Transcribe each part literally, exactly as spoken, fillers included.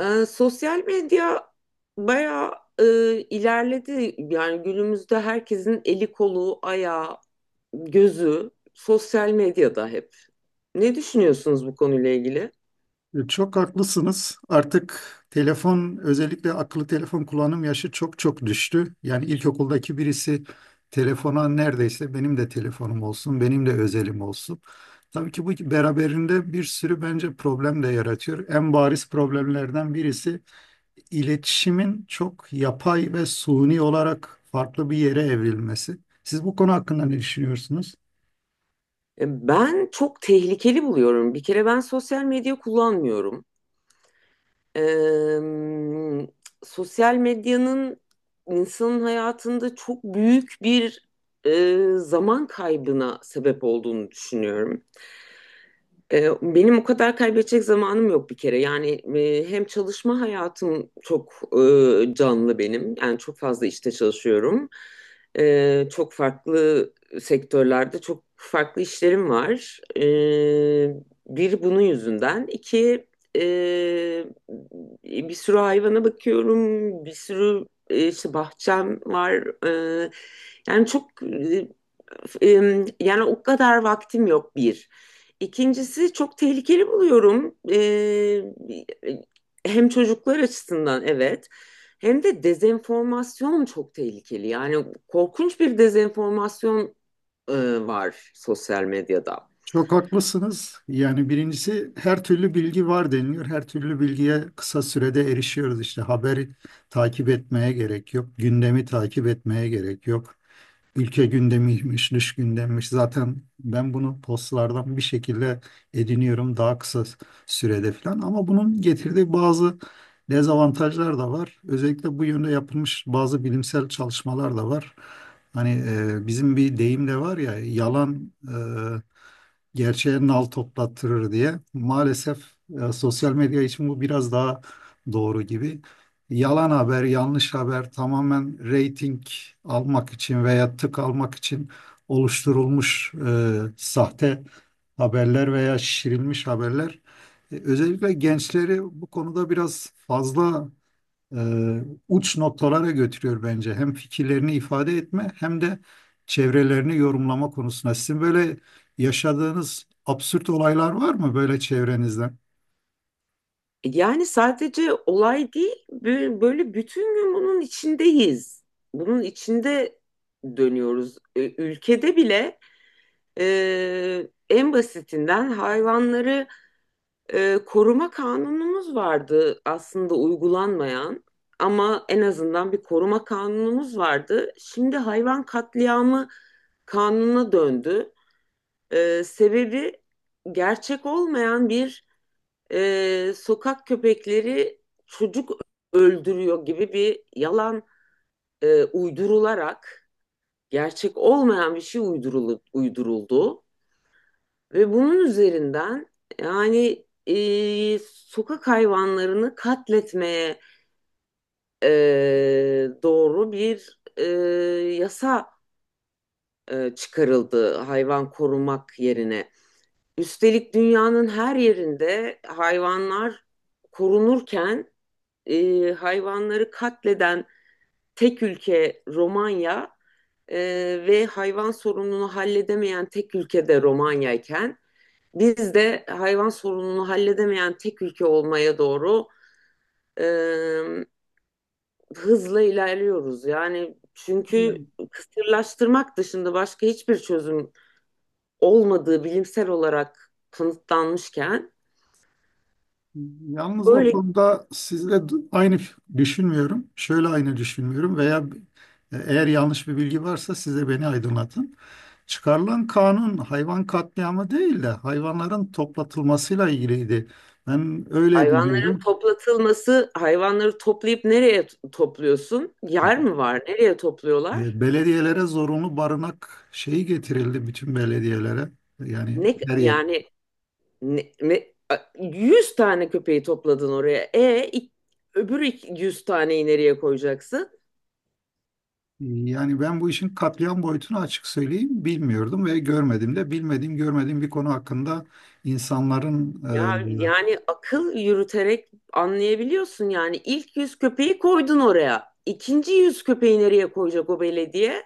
Ee, sosyal medya bayağı e, ilerledi. Yani günümüzde herkesin eli kolu, ayağı, gözü sosyal medyada hep. Ne düşünüyorsunuz bu konuyla ilgili? E, Çok haklısınız. Artık telefon, özellikle akıllı telefon kullanım yaşı çok çok düştü. Yani ilkokuldaki birisi telefona neredeyse benim de telefonum olsun, benim de özelim olsun. Tabii ki bu beraberinde bir sürü bence problem de yaratıyor. En bariz problemlerden birisi iletişimin çok yapay ve suni olarak farklı bir yere evrilmesi. Siz bu konu hakkında ne düşünüyorsunuz? E, Ben çok tehlikeli buluyorum. Bir kere ben sosyal medya kullanmıyorum. Eee, Sosyal medyanın insanın hayatında çok büyük bir eee, zaman kaybına sebep olduğunu düşünüyorum. Ee, Benim o kadar kaybedecek zamanım yok bir kere. Yani e, hem çalışma hayatım çok e, canlı benim. Yani çok fazla işte çalışıyorum. Ee, Çok farklı sektörlerde çok farklı işlerim var. Ee, Bir bunun yüzünden. İki e, bir sürü hayvana bakıyorum. Bir sürü e, işte bahçem var. Ee, Yani çok e, e, yani o kadar vaktim yok bir. İkincisi çok tehlikeli buluyorum. Ee, hem çocuklar açısından evet hem de dezenformasyon çok tehlikeli. Yani korkunç bir dezenformasyon e, var sosyal medyada. Çok haklısınız. Yani birincisi her türlü bilgi var deniliyor. Her türlü bilgiye kısa sürede erişiyoruz. İşte haberi takip etmeye gerek yok. Gündemi takip etmeye gerek yok. Ülke gündemiymiş, dış gündemmiş. Zaten ben bunu postlardan bir şekilde ediniyorum daha kısa sürede falan. Ama bunun getirdiği bazı dezavantajlar da var. Özellikle bu yönde yapılmış bazı bilimsel çalışmalar da var. Hani e, bizim bir deyim de var ya, yalan e, gerçeğe nal toplattırır diye. Maalesef e, sosyal medya için bu biraz daha doğru gibi. Yalan haber, yanlış haber tamamen reyting almak için veya tık almak için oluşturulmuş e, sahte haberler veya şişirilmiş haberler. E, özellikle gençleri bu konuda biraz fazla e, uç noktalara götürüyor bence. Hem fikirlerini ifade etme hem de çevrelerini yorumlama konusunda. Sizin böyle yaşadığınız absürt olaylar var mı böyle çevrenizden? Yani sadece olay değil bö- böyle bütün gün bunun içindeyiz. Bunun içinde dönüyoruz. E, Ülkede bile e, en basitinden hayvanları e, koruma kanunumuz vardı, aslında uygulanmayan, ama en azından bir koruma kanunumuz vardı. Şimdi hayvan katliamı kanununa döndü. E, sebebi gerçek olmayan bir e, sokak köpekleri çocuk öldürüyor gibi bir yalan e, uydurularak gerçek olmayan bir şey uyduruldu. Ve bunun üzerinden yani e, sokak hayvanlarını katletmeye e, doğru bir e, yasa e, çıkarıldı hayvan korumak yerine. Üstelik dünyanın her yerinde hayvanlar korunurken e, hayvanları katleden tek ülke Romanya e, ve hayvan sorununu halledemeyen tek ülkede Romanya'yken biz de hayvan sorununu halledemeyen tek ülke olmaya doğru e, hızla ilerliyoruz. Yani çünkü kısırlaştırmak dışında başka hiçbir çözüm olmadığı bilimsel olarak kanıtlanmışken Yalnız o böyle konuda sizle d- aynı f- düşünmüyorum. Şöyle aynı düşünmüyorum veya b- e, eğer yanlış bir bilgi varsa siz de beni aydınlatın. Çıkarılan kanun hayvan katliamı değil de hayvanların toplatılmasıyla ilgiliydi. Ben öyle hayvanların biliyorum. toplatılması, hayvanları toplayıp nereye topluyorsun? Yer mi var? Nereye topluyorlar? E, Belediyelere zorunlu barınak şeyi getirildi bütün belediyelere. Yani Ne her yer. yani ne, ne- yüz tane köpeği topladın oraya. E öbür ik- yüz taneyi nereye koyacaksın? Yani ben bu işin katliam boyutunu açık söyleyeyim bilmiyordum ve görmedim de bilmediğim görmediğim bir konu hakkında insanların Ya yani akıl yürüterek anlayabiliyorsun, yani ilk yüz köpeği koydun oraya. İkinci yüz köpeği nereye koyacak o belediye?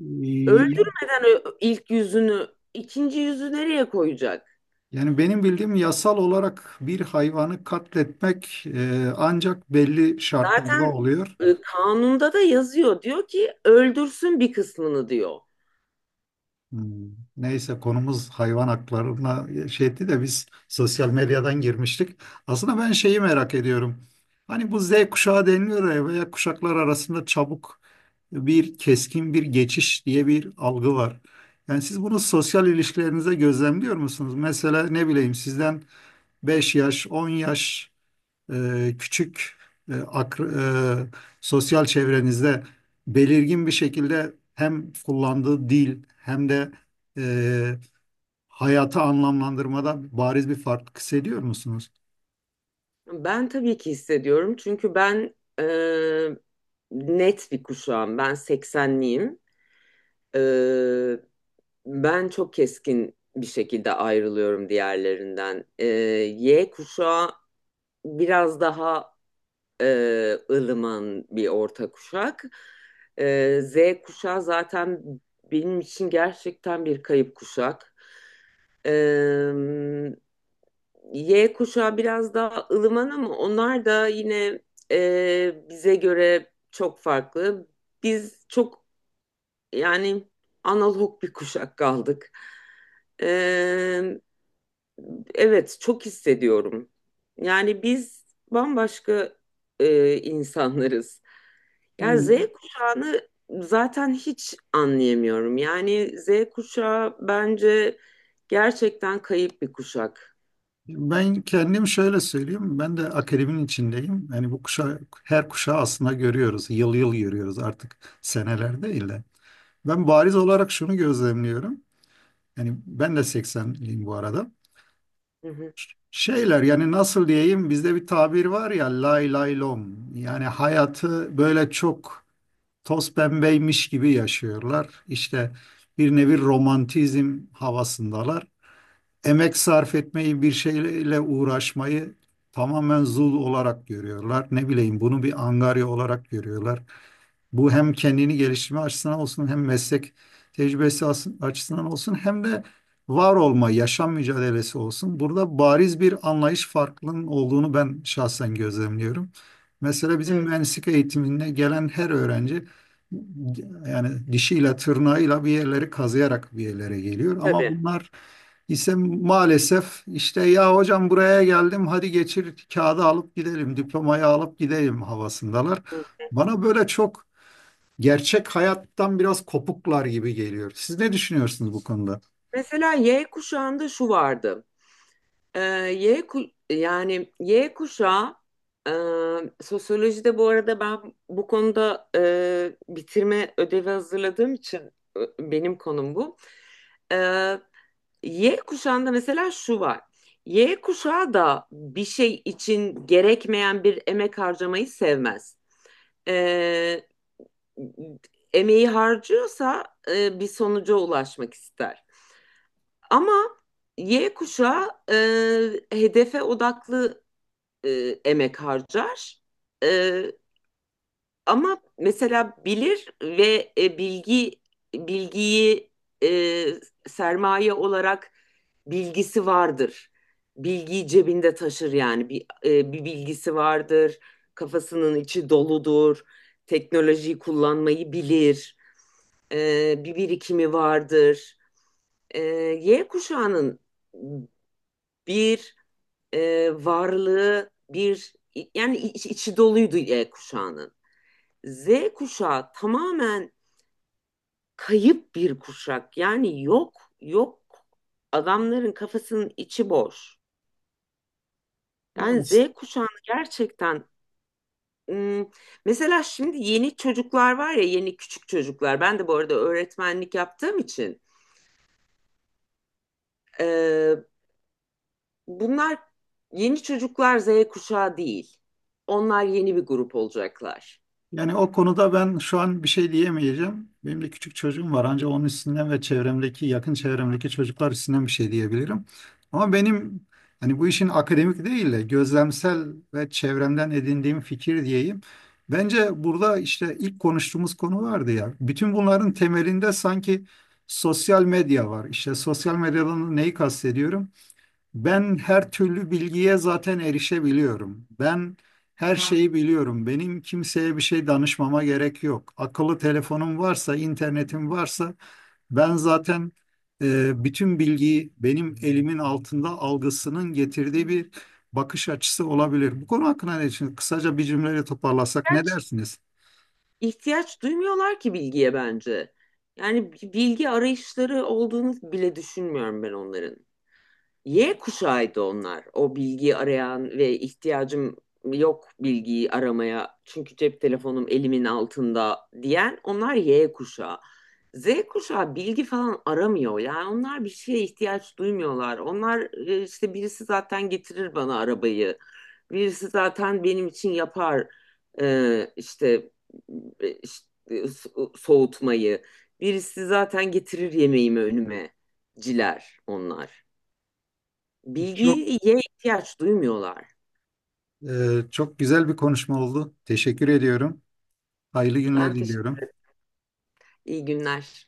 e, e, Öldürmeden ö- ilk yüzünü, ikinci yüzü nereye koyacak? Yani benim bildiğim yasal olarak bir hayvanı katletmek e, ancak belli şartlarda Zaten oluyor. e, kanunda da yazıyor. Diyor ki öldürsün bir kısmını diyor. Hmm. Neyse konumuz hayvan haklarına şey etti de biz sosyal medyadan girmiştik. Aslında ben şeyi merak ediyorum. Hani bu Z kuşağı deniliyor ya veya kuşaklar arasında çabuk bir keskin bir geçiş diye bir algı var. Yani siz bunu sosyal ilişkilerinize gözlemliyor musunuz? Mesela ne bileyim sizden beş yaş, on yaş e, küçük e, akr- e, sosyal çevrenizde belirgin bir şekilde hem kullandığı dil hem de e, hayatı anlamlandırmada bariz bir fark hissediyor musunuz? Ben tabii ki hissediyorum, çünkü ben e, net bir kuşağım. Ben seksenliyim. Ben çok keskin bir şekilde ayrılıyorum diğerlerinden. Ee, Y kuşağı biraz daha e, ılıman bir orta kuşak. Ee, Z kuşağı zaten benim için gerçekten bir kayıp kuşak. Ee, Y kuşağı biraz daha ılıman ama onlar da yine e, bize göre çok farklı. Biz çok yani analog bir kuşak kaldık. Ee, Evet, çok hissediyorum. Yani biz bambaşka e, insanlarız. Yani Z Yani kuşağını zaten hiç anlayamıyorum. Yani Z kuşağı bence gerçekten kayıp bir kuşak. ben kendim şöyle söyleyeyim, ben de akademinin içindeyim. Yani bu kuşa, her kuşağı aslında görüyoruz, yıl yıl görüyoruz artık seneler değil de. Ben bariz olarak şunu gözlemliyorum. Yani ben de seksenliyim bu arada. Hı hı. Şeyler yani nasıl diyeyim bizde bir tabir var ya lay lay lom yani hayatı böyle çok toz pembeymiş gibi yaşıyorlar. İşte bir nevi romantizm havasındalar, emek sarf etmeyi, bir şeyle uğraşmayı tamamen zul olarak görüyorlar. Ne bileyim bunu bir angarya olarak görüyorlar. Bu hem kendini geliştirme açısından olsun hem meslek tecrübesi as- açısından olsun hem de var olma, yaşam mücadelesi olsun. Burada bariz bir anlayış farklılığının olduğunu ben şahsen gözlemliyorum. Mesela bizim Evet, mühendislik eğitimine gelen her öğrenci yani dişiyle tırnağıyla bir yerleri kazıyarak bir yerlere geliyor ama tabii. bunlar ise maalesef işte ya hocam buraya geldim hadi geçir kağıdı alıp gidelim diplomayı alıp gidelim havasındalar. Hı. Bana böyle çok gerçek hayattan biraz kopuklar gibi geliyor. Siz ne düşünüyorsunuz bu konuda? Mesela Y kuşağında şu vardı. Ee, Y ku- yani Y kuşağı e, sosyolojide, bu arada ben bu konuda e, bitirme ödevi hazırladığım için e, benim konum bu. Ee, Y kuşağında mesela şu var. Y kuşağı da bir şey için gerekmeyen bir emek harcamayı sevmez. Ee, Emeği harcıyorsa e, bir sonuca ulaşmak ister. Ama Y kuşağı e, hedefe odaklı e, emek harcar. E, Ama mesela bilir ve e, bilgi bilgiyi e, sermaye olarak bilgisi vardır. Bilgiyi cebinde taşır, yani bir, e, bir bilgisi vardır. Kafasının içi doludur. Teknolojiyi kullanmayı bilir. E, bir birikimi vardır. E, Y kuşağının bir e, varlığı bir yani iç- içi doluydu Y kuşağının. Z kuşağı tamamen kayıp bir kuşak. Yani yok, yok. Adamların kafasının içi boş. Yani Z kuşağını gerçekten, mesela şimdi yeni çocuklar var ya, yeni küçük çocuklar. Ben de bu arada öğretmenlik yaptığım için e, bunlar yeni çocuklar, Z kuşağı değil. Onlar yeni bir grup olacaklar. Yani o konuda ben şu an bir şey diyemeyeceğim. Benim de küçük çocuğum var. Ancak onun üstünden ve çevremdeki, yakın çevremdeki çocuklar üstünden bir şey diyebilirim. Ama benim hani bu işin akademik değil de gözlemsel ve çevremden edindiğim fikir diyeyim. Bence burada işte ilk konuştuğumuz konu vardı ya. Bütün bunların temelinde sanki sosyal medya var. İşte sosyal medyadan neyi kastediyorum? Ben her türlü bilgiye zaten erişebiliyorum. Ben her şeyi biliyorum. Benim kimseye bir şey danışmama gerek yok. Akıllı telefonum varsa, internetim varsa ben zaten e, bütün bilgiyi benim elimin altında algısının getirdiği bir bakış açısı olabilir. Bu konu hakkında ne düşünüyorsun? Kısaca bir cümleyle toparlasak ne Gerçi dersiniz? ihtiyaç duymuyorlar ki bilgiye bence. Yani bilgi arayışları olduğunu bile düşünmüyorum ben onların. Y kuşağıydı onlar. O bilgiyi arayan ve ihtiyacım yok bilgiyi aramaya çünkü cep telefonum elimin altında diyen onlar Y kuşağı. Z kuşağı bilgi falan aramıyor. Yani onlar bir şeye ihtiyaç duymuyorlar. Onlar e, işte birisi zaten getirir bana arabayı. Birisi zaten benim için yapar e, işte, e, işte so- soğutmayı. Birisi zaten getirir yemeğimi önüme ciler onlar. Çok Bilgiye ihtiyaç duymuyorlar. e, Çok güzel bir konuşma oldu. Teşekkür ediyorum. Hayırlı günler Ben diliyorum. teşekkür. İyi günler.